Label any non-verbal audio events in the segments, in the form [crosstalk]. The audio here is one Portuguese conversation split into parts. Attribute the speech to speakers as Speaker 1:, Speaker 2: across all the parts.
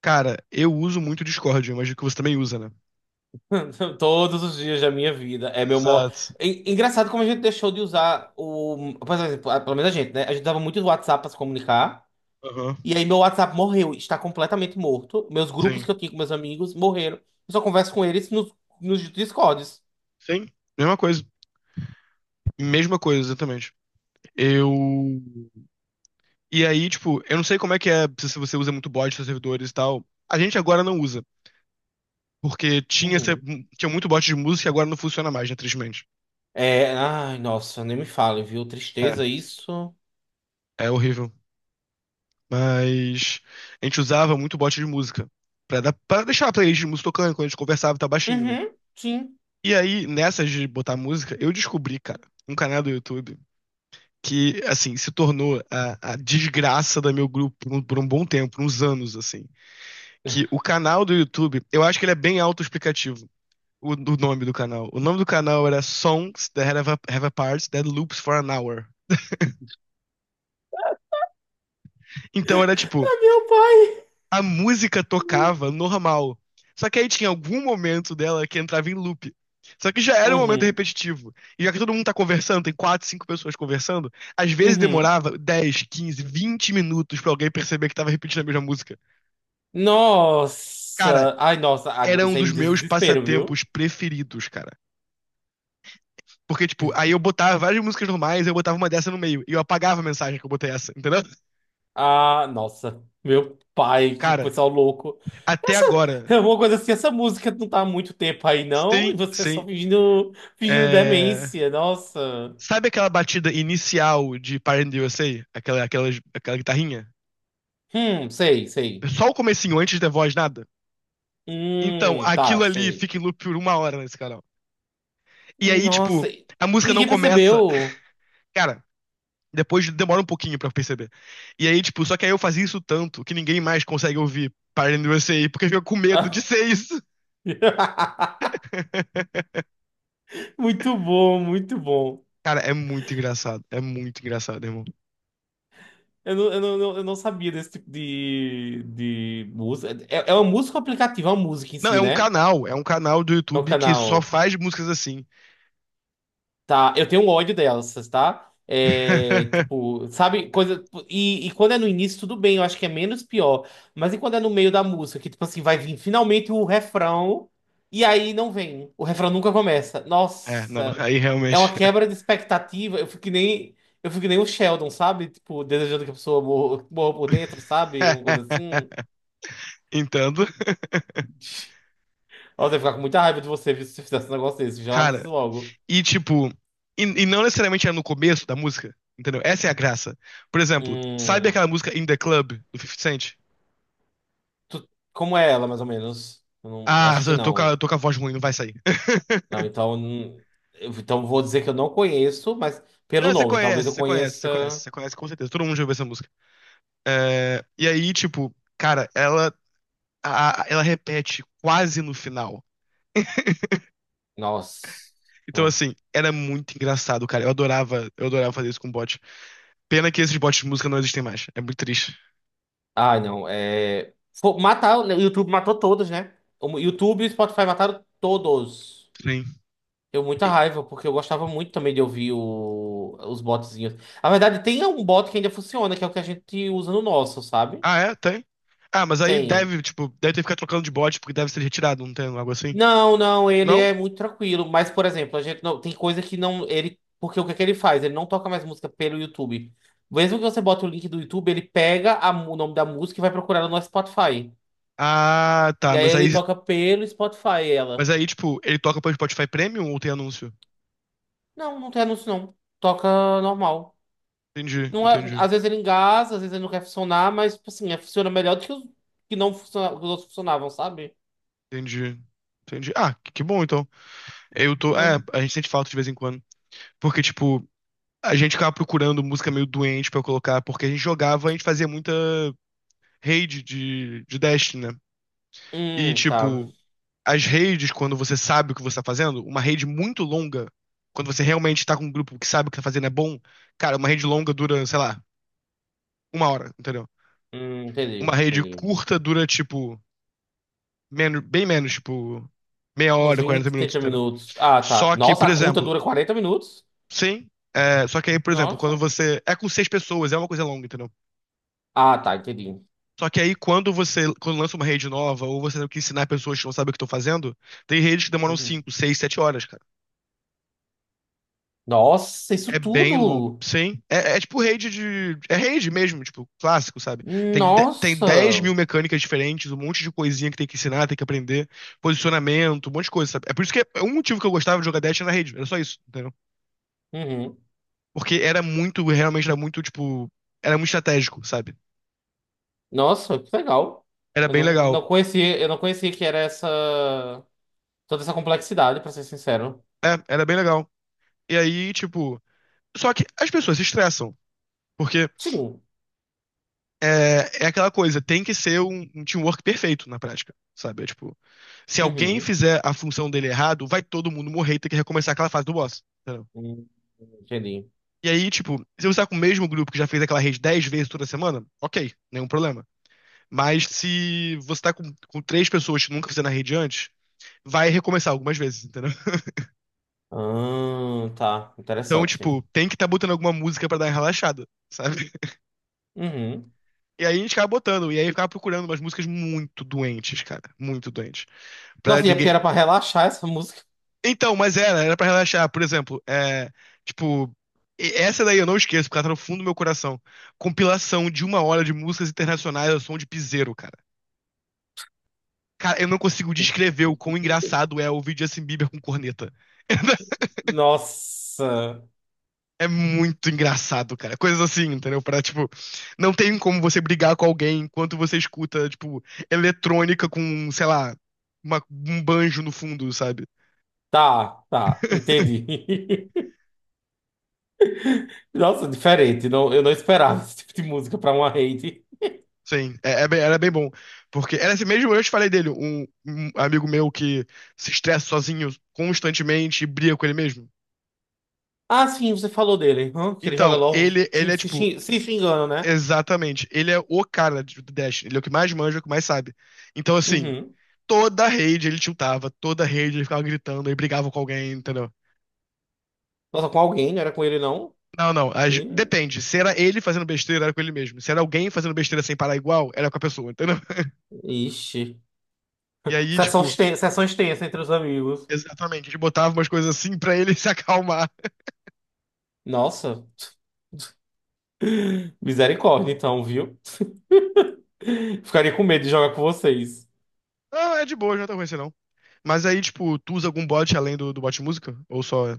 Speaker 1: Cara, eu uso muito o Discord, eu imagino que você também usa, né?
Speaker 2: [laughs] Todos os dias da minha vida. É meu maior.
Speaker 1: Exato.
Speaker 2: Engraçado como a gente deixou de usar o. Por exemplo, pelo menos a gente, né? A gente dava muito o WhatsApp pra se comunicar.
Speaker 1: Aham.
Speaker 2: E aí meu WhatsApp morreu, está completamente morto. Meus grupos
Speaker 1: Sim.
Speaker 2: que eu tinha com meus amigos morreram. Eu só converso com eles nos Discords.
Speaker 1: Sim. Mesma coisa. Mesma coisa, exatamente. Eu. E aí, tipo, eu não sei como é que é, se você usa muito bot nos servidores e tal. A gente agora não usa. Porque tinha,
Speaker 2: Uhum.
Speaker 1: tinha muito bot de música e agora não funciona mais, né, tristemente.
Speaker 2: É. Ai, nossa, nem me fale, viu?
Speaker 1: É,
Speaker 2: Tristeza isso.
Speaker 1: é horrível. Mas a gente usava muito bot de música. Pra, dar, pra deixar a playlist de música tocando quando a gente conversava, tá baixinho, né?
Speaker 2: Uhum, sim.
Speaker 1: E aí, nessas de botar música, eu descobri, cara, um canal do YouTube. Que, assim, se tornou a desgraça do meu grupo por um bom tempo, uns anos, assim. Que o canal do YouTube, eu acho que ele é bem autoexplicativo, o nome do canal. O nome do canal era Songs That Have a, have a Parts That Loops for an Hour. Então era tipo,
Speaker 2: Ai, meu pai.
Speaker 1: a música tocava normal. Só que aí tinha algum momento dela que entrava em loop. Só que já era um momento
Speaker 2: Uhum,
Speaker 1: repetitivo. E já que todo mundo tá conversando, tem 4, 5 pessoas conversando, às vezes
Speaker 2: uhum.
Speaker 1: demorava 10, 15, 20 minutos pra alguém perceber que tava repetindo a mesma música. Cara,
Speaker 2: Nossa. Ai, nossa,
Speaker 1: era um
Speaker 2: isso aí
Speaker 1: dos
Speaker 2: me
Speaker 1: meus
Speaker 2: desespero, viu?
Speaker 1: passatempos preferidos, cara. Porque, tipo, aí eu botava várias músicas normais, eu botava uma dessa no meio. E eu apagava a mensagem que eu botei essa, entendeu?
Speaker 2: Ah, nossa, meu pai, que
Speaker 1: Cara,
Speaker 2: pessoal louco.
Speaker 1: até
Speaker 2: Essa
Speaker 1: agora.
Speaker 2: é uma coisa assim, essa música não tá há muito tempo aí, não, e
Speaker 1: Sim,
Speaker 2: você só
Speaker 1: sim.
Speaker 2: fingindo
Speaker 1: É...
Speaker 2: demência, nossa.
Speaker 1: Sabe aquela batida inicial de Parent the USA? Aquela, aquela, aquela guitarrinha?
Speaker 2: Sei, sei.
Speaker 1: Só o comecinho, antes da voz, nada? Então,
Speaker 2: Tá,
Speaker 1: aquilo ali
Speaker 2: sei.
Speaker 1: fica em loop por 1 hora nesse canal. E aí, tipo,
Speaker 2: Nossa, e
Speaker 1: a
Speaker 2: e
Speaker 1: música não
Speaker 2: ninguém
Speaker 1: começa.
Speaker 2: percebeu.
Speaker 1: Cara, depois demora um pouquinho pra perceber. E aí, tipo, só que aí eu fazia isso tanto que ninguém mais consegue ouvir Party in the USA porque fica com medo de ser isso.
Speaker 2: [laughs]
Speaker 1: [laughs]
Speaker 2: Muito bom, muito bom.
Speaker 1: Cara, é muito engraçado. É muito engraçado, irmão.
Speaker 2: Eu não sabia desse tipo de música. É uma música ou aplicativo? É uma música em
Speaker 1: Não, é
Speaker 2: si,
Speaker 1: um
Speaker 2: né?
Speaker 1: canal. É um canal do
Speaker 2: É o
Speaker 1: YouTube que só
Speaker 2: canal.
Speaker 1: faz músicas assim.
Speaker 2: Tá, eu tenho um ódio dessas, tá? É,
Speaker 1: [laughs]
Speaker 2: tipo, sabe, coisa. E quando é no início, tudo bem, eu acho que é menos pior. Mas e quando é no meio da música, que, tipo assim, vai vir finalmente o refrão, e aí não vem. O refrão nunca começa.
Speaker 1: É, não,
Speaker 2: Nossa,
Speaker 1: aí
Speaker 2: é
Speaker 1: realmente.
Speaker 2: uma quebra de expectativa. Eu fico que nem o Sheldon, sabe? Tipo, desejando que a pessoa morra, morra por dentro, sabe? Uma coisa assim.
Speaker 1: [laughs] Entendo. [laughs]
Speaker 2: Nossa, eu ia ficar com muita raiva de você viu, se você fizesse um negócio desse, já
Speaker 1: Cara,
Speaker 2: aviso logo.
Speaker 1: e tipo, e não necessariamente é no começo da música, entendeu? Essa é a graça. Por exemplo, sabe
Speaker 2: Hum.
Speaker 1: aquela música In the Club do 50 Cent?
Speaker 2: Como é ela, mais ou menos? Eu não, eu
Speaker 1: Ah,
Speaker 2: acho que
Speaker 1: eu tô com a, eu
Speaker 2: não.
Speaker 1: tô com a voz ruim, não vai sair. [laughs]
Speaker 2: Não, então. Então vou dizer que eu não conheço, mas pelo
Speaker 1: Não, você
Speaker 2: nome, talvez
Speaker 1: conhece,
Speaker 2: eu
Speaker 1: você conhece, você conhece,
Speaker 2: conheça.
Speaker 1: você conhece com certeza. Todo mundo já ouviu essa música. É, e aí, tipo, cara, ela, ela repete quase no final.
Speaker 2: Nossa.
Speaker 1: Então, assim, era muito engraçado, cara. Eu adorava fazer isso com bot. Pena que esses bots de música não existem mais. É muito triste.
Speaker 2: Ah, não. É. Matar, o YouTube matou todos, né? O YouTube e o Spotify mataram todos.
Speaker 1: Sim.
Speaker 2: Deu muita
Speaker 1: E-
Speaker 2: raiva, porque eu gostava muito também de ouvir os botzinhos. Na verdade, tem um bot que ainda funciona, que é o que a gente usa no nosso, sabe?
Speaker 1: ah, é? Tem? Ah, mas aí
Speaker 2: Tem.
Speaker 1: deve, tipo, deve ter que ficar trocando de bot porque deve ser retirado, não tem um algo assim?
Speaker 2: Não, não, ele
Speaker 1: Não?
Speaker 2: é muito tranquilo. Mas, por exemplo, a gente não tem coisa que não ele porque o que é que ele faz? Ele não toca mais música pelo YouTube. Mesmo que você bota o link do YouTube, ele pega o nome da música e vai procurar no nosso Spotify.
Speaker 1: Ah,
Speaker 2: E
Speaker 1: tá,
Speaker 2: aí ele toca pelo Spotify
Speaker 1: mas
Speaker 2: ela.
Speaker 1: aí, tipo, ele toca pelo Spotify Premium ou tem anúncio?
Speaker 2: Não, não tem anúncio não. Toca normal.
Speaker 1: Entendi,
Speaker 2: Não é,
Speaker 1: entendi.
Speaker 2: às vezes ele engasa, às vezes ele não quer funcionar, mas tipo assim, funciona melhor do que os que não funciona, que os outros funcionavam, sabe?
Speaker 1: Entendi. Entendi. Ah, que bom então. Eu tô. É,
Speaker 2: Hum,
Speaker 1: a gente sente falta de vez em quando. Porque, tipo, a gente ficava procurando música meio doente pra eu colocar, porque a gente jogava, a gente fazia muita raid de Destiny, né? E,
Speaker 2: Hum, tá.
Speaker 1: tipo, as raids, quando você sabe o que você tá fazendo, uma raid muito longa, quando você realmente tá com um grupo que sabe o que tá fazendo é bom, cara, uma raid longa dura, sei lá, uma hora, entendeu?
Speaker 2: Entendi,
Speaker 1: Uma raid
Speaker 2: entendi.
Speaker 1: curta dura, tipo, menos, bem menos, tipo, meia
Speaker 2: Uns
Speaker 1: hora, 40
Speaker 2: 20
Speaker 1: minutos,
Speaker 2: 30
Speaker 1: entendeu?
Speaker 2: minutos. Ah, tá.
Speaker 1: Só que,
Speaker 2: Nossa,
Speaker 1: por
Speaker 2: a curta
Speaker 1: exemplo.
Speaker 2: dura 40 minutos?
Speaker 1: Sim. É, só que aí, por exemplo, quando
Speaker 2: Nossa.
Speaker 1: você. É com 6 pessoas, é uma coisa longa, entendeu?
Speaker 2: Ah, tá, entendi.
Speaker 1: Só que aí, quando lança uma rede nova, ou você tem que ensinar pessoas que não sabem o que estão fazendo, tem redes que demoram
Speaker 2: Uhum.
Speaker 1: 5, 6, 7 horas, cara.
Speaker 2: Nossa, isso
Speaker 1: É bem longo.
Speaker 2: tudo!
Speaker 1: Sim. É, é tipo rede de. É rede mesmo, tipo, clássico, sabe? Tem, de... tem 10
Speaker 2: Nossa!
Speaker 1: mil mecânicas diferentes, um monte de coisinha que tem que ensinar, tem que aprender, posicionamento, um monte de coisa, sabe? É por isso que é um motivo que eu gostava de jogar Dash na rede. Era só isso, entendeu?
Speaker 2: Uhum.
Speaker 1: Porque era muito, realmente era muito, tipo. Era muito estratégico, sabe?
Speaker 2: Nossa, que legal.
Speaker 1: Era
Speaker 2: Eu
Speaker 1: bem
Speaker 2: não,
Speaker 1: legal.
Speaker 2: não conhecia, eu não conhecia que era essa toda essa complexidade, pra ser sincero.
Speaker 1: É, era bem legal. E aí, tipo. Só que as pessoas se estressam. Porque
Speaker 2: Sim.
Speaker 1: é, é aquela coisa, tem que ser um, um teamwork perfeito na prática, sabe? É, tipo, se alguém
Speaker 2: Uhum.
Speaker 1: fizer a função dele errado, vai todo mundo morrer e ter que recomeçar aquela fase do boss. Entendeu?
Speaker 2: Hum, entendi.
Speaker 1: E aí, tipo, se você tá com o mesmo grupo que já fez aquela rede 10 vezes toda semana, ok, nenhum problema. Mas se você tá com 3 pessoas que nunca fizeram a rede antes, vai recomeçar algumas vezes, entendeu?
Speaker 2: Ah, tá.
Speaker 1: Então,
Speaker 2: Interessante.
Speaker 1: tipo, tem que tá botando alguma música pra dar uma relaxada, sabe?
Speaker 2: Uhum.
Speaker 1: E aí a gente ficava botando, e aí ficava procurando umas músicas muito doentes, cara. Muito doentes. Pra
Speaker 2: Nossa, e é porque
Speaker 1: ninguém.
Speaker 2: era pra relaxar essa música.
Speaker 1: Então, mas era, era pra relaxar. Por exemplo, é. Tipo. Essa daí eu não esqueço, porque ela tá no fundo do meu coração. Compilação de 1 hora de músicas internacionais ao som de piseiro, cara. Cara, eu não consigo descrever o quão engraçado é ouvir Justin Bieber com corneta. [laughs]
Speaker 2: Nossa.
Speaker 1: É muito engraçado, cara. Coisas assim, entendeu? Pra, tipo, não tem como você brigar com alguém enquanto você escuta, tipo, eletrônica com, sei lá, um banjo no fundo, sabe?
Speaker 2: Tá, tá.
Speaker 1: [laughs]
Speaker 2: Entendi. [laughs] Nossa, diferente. Não, eu não esperava [laughs] esse tipo de música pra uma raid.
Speaker 1: Sim, é, era bem bom. Porque era esse mesmo, eu te falei dele, um amigo meu que se estressa sozinho constantemente e briga com ele mesmo.
Speaker 2: Ah, sim, você falou dele. Hã? Que ele joga
Speaker 1: Então,
Speaker 2: LOL
Speaker 1: ele
Speaker 2: xing-
Speaker 1: é
Speaker 2: se,
Speaker 1: tipo,
Speaker 2: xing- se xingando, né?
Speaker 1: exatamente, ele é o do Dash, ele é o que mais manja, o que mais sabe. Então, assim,
Speaker 2: Uhum.
Speaker 1: toda a rede ele tiltava, toda a rede ele ficava gritando e brigava com alguém, entendeu?
Speaker 2: Nossa, com alguém, não era com ele, não?
Speaker 1: Não, não.
Speaker 2: Ih,
Speaker 1: Depende. Se era ele fazendo besteira, era com ele mesmo. Se era alguém fazendo besteira sem parar igual, era com a pessoa, entendeu? [laughs]
Speaker 2: Ixi.
Speaker 1: E aí, tipo,
Speaker 2: Sessão extensa entre os amigos.
Speaker 1: exatamente, a gente botava umas coisas assim pra ele [laughs] se acalmar.
Speaker 2: Nossa. [laughs] Misericórdia, então, viu? Ficaria com medo de jogar com vocês.
Speaker 1: Ah, é de boa, não tá ruim assim, não. Mas aí, tipo, tu usa algum bot além do, do bot música? Ou só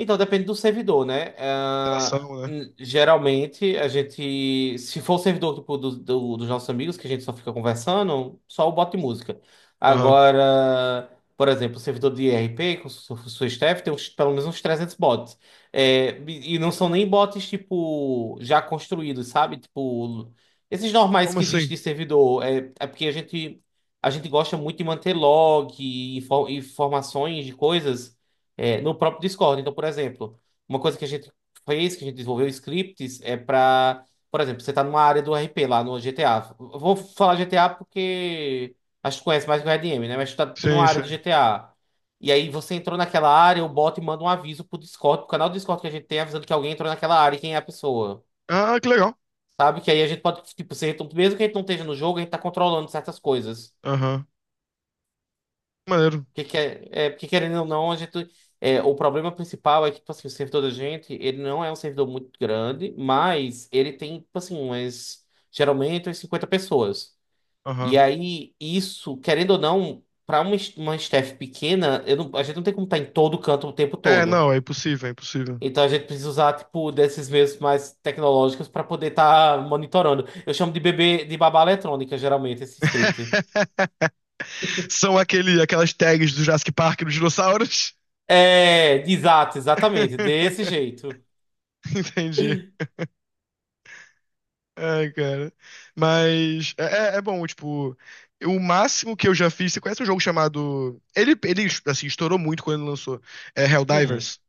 Speaker 2: Então, depende do servidor, né? Ah,
Speaker 1: interação, né?
Speaker 2: geralmente, a gente, se for o servidor tipo, dos nossos amigos, que a gente só fica conversando, só o bot de música.
Speaker 1: Aham.
Speaker 2: Agora, por exemplo, o servidor de IRP, com sua staff, tem pelo menos uns 300 bots. É, e não são nem bots, tipo, já construídos, sabe? Tipo, esses normais
Speaker 1: Como
Speaker 2: que
Speaker 1: assim?
Speaker 2: existem de servidor. É porque a gente gosta muito de manter log, informações de coisas é, no próprio Discord. Então, por exemplo, uma coisa que a gente fez, que a gente desenvolveu scripts, é para, por exemplo, você está numa área do RP lá no GTA. Eu vou falar GTA porque acho que conhece mais que o RDM, né? Mas está numa
Speaker 1: Sim,
Speaker 2: área
Speaker 1: sim.
Speaker 2: do GTA. E aí você entrou naquela área, o bot manda um aviso pro Discord, pro canal do Discord que a gente tem, avisando que alguém entrou naquela área e quem é a pessoa.
Speaker 1: Ah, que legal.
Speaker 2: Sabe? Que aí a gente pode, tipo, ser, mesmo que a gente não esteja no jogo, a gente tá controlando certas coisas.
Speaker 1: Aham. Maneiro.
Speaker 2: Porque, porque querendo ou não, a gente. É, o problema principal é que, tipo assim, o servidor da gente, ele não é um servidor muito grande, mas ele tem, tipo assim, umas, geralmente umas 50 pessoas. E
Speaker 1: Aham.
Speaker 2: aí, isso, querendo ou não, para uma staff pequena, eu não- a gente não tem como estar em todo canto o tempo
Speaker 1: É,
Speaker 2: todo.
Speaker 1: não, é impossível, é impossível.
Speaker 2: Então a gente precisa usar, tipo, desses meios mais tecnológicos para poder estar monitorando. Eu chamo de babá eletrônica, geralmente, esse script.
Speaker 1: [laughs] São aquele, aquelas tags do Jurassic Park dos dinossauros.
Speaker 2: É, exato, exatamente, desse
Speaker 1: [laughs]
Speaker 2: jeito.
Speaker 1: Entendi. Ai, cara. Mas é, é bom, tipo, o máximo que eu já fiz. Você conhece um jogo chamado. Ele assim, estourou muito quando ele lançou. É
Speaker 2: Hum.
Speaker 1: Helldivers.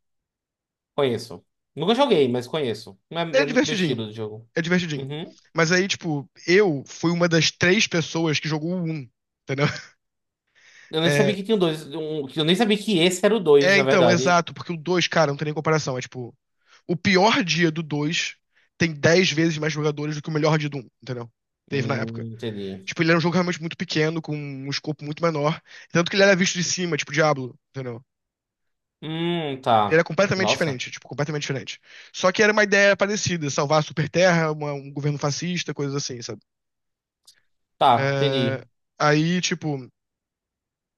Speaker 2: Conheço. Nunca joguei, mas conheço. Não, É,
Speaker 1: É
Speaker 2: é muito meu
Speaker 1: divertidinho.
Speaker 2: estilo de jogo.
Speaker 1: É divertidinho.
Speaker 2: Uhum.
Speaker 1: Mas aí, tipo, eu fui uma das 3 pessoas que jogou o 1. Entendeu? [laughs]
Speaker 2: Eu nem sabia
Speaker 1: É,
Speaker 2: que tinha um dois. Um, eu nem sabia que esse era o dois,
Speaker 1: É,
Speaker 2: na
Speaker 1: então,
Speaker 2: verdade.
Speaker 1: exato, porque o 2, cara, não tem nem comparação. É tipo, o pior dia do 2 tem 10 vezes mais jogadores do que o melhor dia do um, entendeu? Teve na época.
Speaker 2: Entendi.
Speaker 1: Tipo, ele era um jogo realmente muito pequeno, com um escopo muito menor. Tanto que ele era visto de cima, tipo Diablo, entendeu? Ele era
Speaker 2: Tá.
Speaker 1: completamente
Speaker 2: Nossa.
Speaker 1: diferente, tipo, completamente diferente. Só que era uma ideia parecida, salvar a Superterra, um governo fascista, coisas assim, sabe?
Speaker 2: Tá,
Speaker 1: É,
Speaker 2: entendi.
Speaker 1: aí, tipo.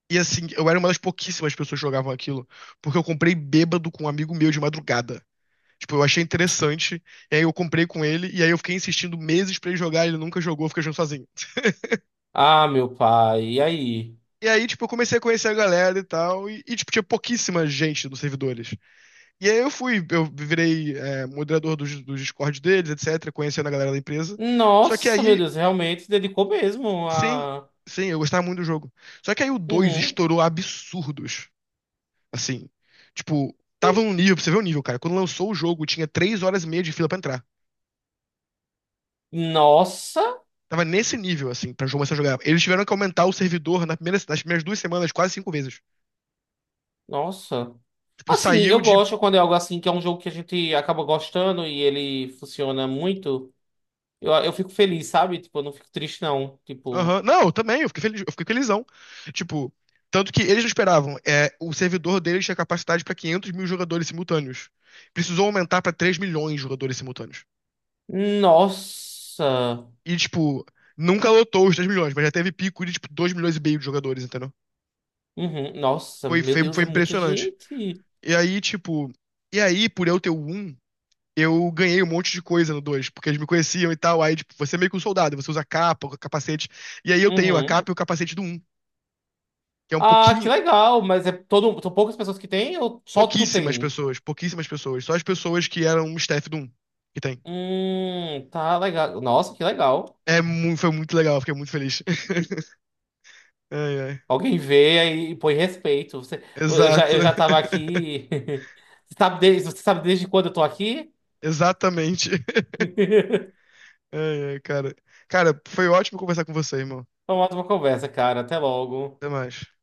Speaker 1: E assim, eu era uma das pouquíssimas pessoas que jogavam aquilo, porque eu comprei bêbado com um amigo meu de madrugada. Tipo, eu achei interessante, e aí eu comprei com ele, e aí eu fiquei insistindo meses pra ele jogar, ele nunca jogou, eu jogando sozinho.
Speaker 2: Ah, meu pai. E aí?
Speaker 1: E aí, tipo, eu comecei a conhecer a galera e tal, tipo, tinha pouquíssima gente nos servidores. E aí eu fui, eu virei é, moderador dos, dos Discord deles, etc, conhecendo a galera da empresa. Só que
Speaker 2: Nossa, meu
Speaker 1: aí,
Speaker 2: Deus, realmente se dedicou mesmo
Speaker 1: sim,
Speaker 2: a.
Speaker 1: sim, eu gostava muito do jogo. Só que aí o dois
Speaker 2: Uhum.
Speaker 1: estourou absurdos, assim. Tipo, tava num nível, pra você ver o nível, cara. Quando lançou o jogo, tinha 3 horas e meia de fila pra entrar.
Speaker 2: Nossa,
Speaker 1: Tava nesse nível, assim, pra começar a jogar. Eles tiveram que aumentar o servidor na primeira, nas primeiras 2 semanas, quase 5 vezes.
Speaker 2: nossa.
Speaker 1: Tipo,
Speaker 2: Assim, eu
Speaker 1: saiu de.
Speaker 2: gosto quando é algo assim, que é um jogo que a gente acaba gostando e ele funciona muito. Eu fico feliz, sabe? Tipo, eu não fico triste, não. Tipo,
Speaker 1: Aham. Não, eu também, eu fiquei feliz, eu fiquei felizão. Tipo, tanto que eles não esperavam. É, o servidor deles tinha capacidade pra 500 mil jogadores simultâneos. Precisou aumentar pra 3 milhões de jogadores simultâneos.
Speaker 2: nossa.
Speaker 1: E, tipo, nunca lotou os 3 milhões, mas já teve pico de, tipo, 2 milhões e meio de jogadores, entendeu?
Speaker 2: Uhum, nossa,
Speaker 1: Foi,
Speaker 2: meu
Speaker 1: foi,
Speaker 2: Deus,
Speaker 1: foi
Speaker 2: é muita
Speaker 1: impressionante.
Speaker 2: gente.
Speaker 1: E aí, tipo. E aí, por eu ter o 1, eu ganhei um monte de coisa no 2 porque eles me conheciam e tal. Aí, tipo, você é meio que um soldado, você usa a capa, o capacete. E aí eu tenho a
Speaker 2: Uhum.
Speaker 1: capa e o capacete do um que é um
Speaker 2: Ah, que
Speaker 1: pouquinho.
Speaker 2: legal, mas é todo, são poucas pessoas que tem ou só tu
Speaker 1: Pouquíssimas
Speaker 2: tem?
Speaker 1: pessoas, pouquíssimas pessoas. Só as pessoas que eram um staff do um que tem.
Speaker 2: Um? Tá legal. Nossa, que legal.
Speaker 1: É, foi muito legal, fiquei muito feliz. [laughs] Ai, ai.
Speaker 2: Alguém vê aí e põe respeito. Você, eu já,
Speaker 1: Exato,
Speaker 2: eu já tava
Speaker 1: [laughs]
Speaker 2: aqui. [laughs] Você sabe desde quando eu tô aqui?
Speaker 1: exatamente.
Speaker 2: [laughs]
Speaker 1: Ai, ai, cara. Cara, foi ótimo conversar com você, irmão.
Speaker 2: Foi uma ótima conversa, cara. Até logo.
Speaker 1: Até mais.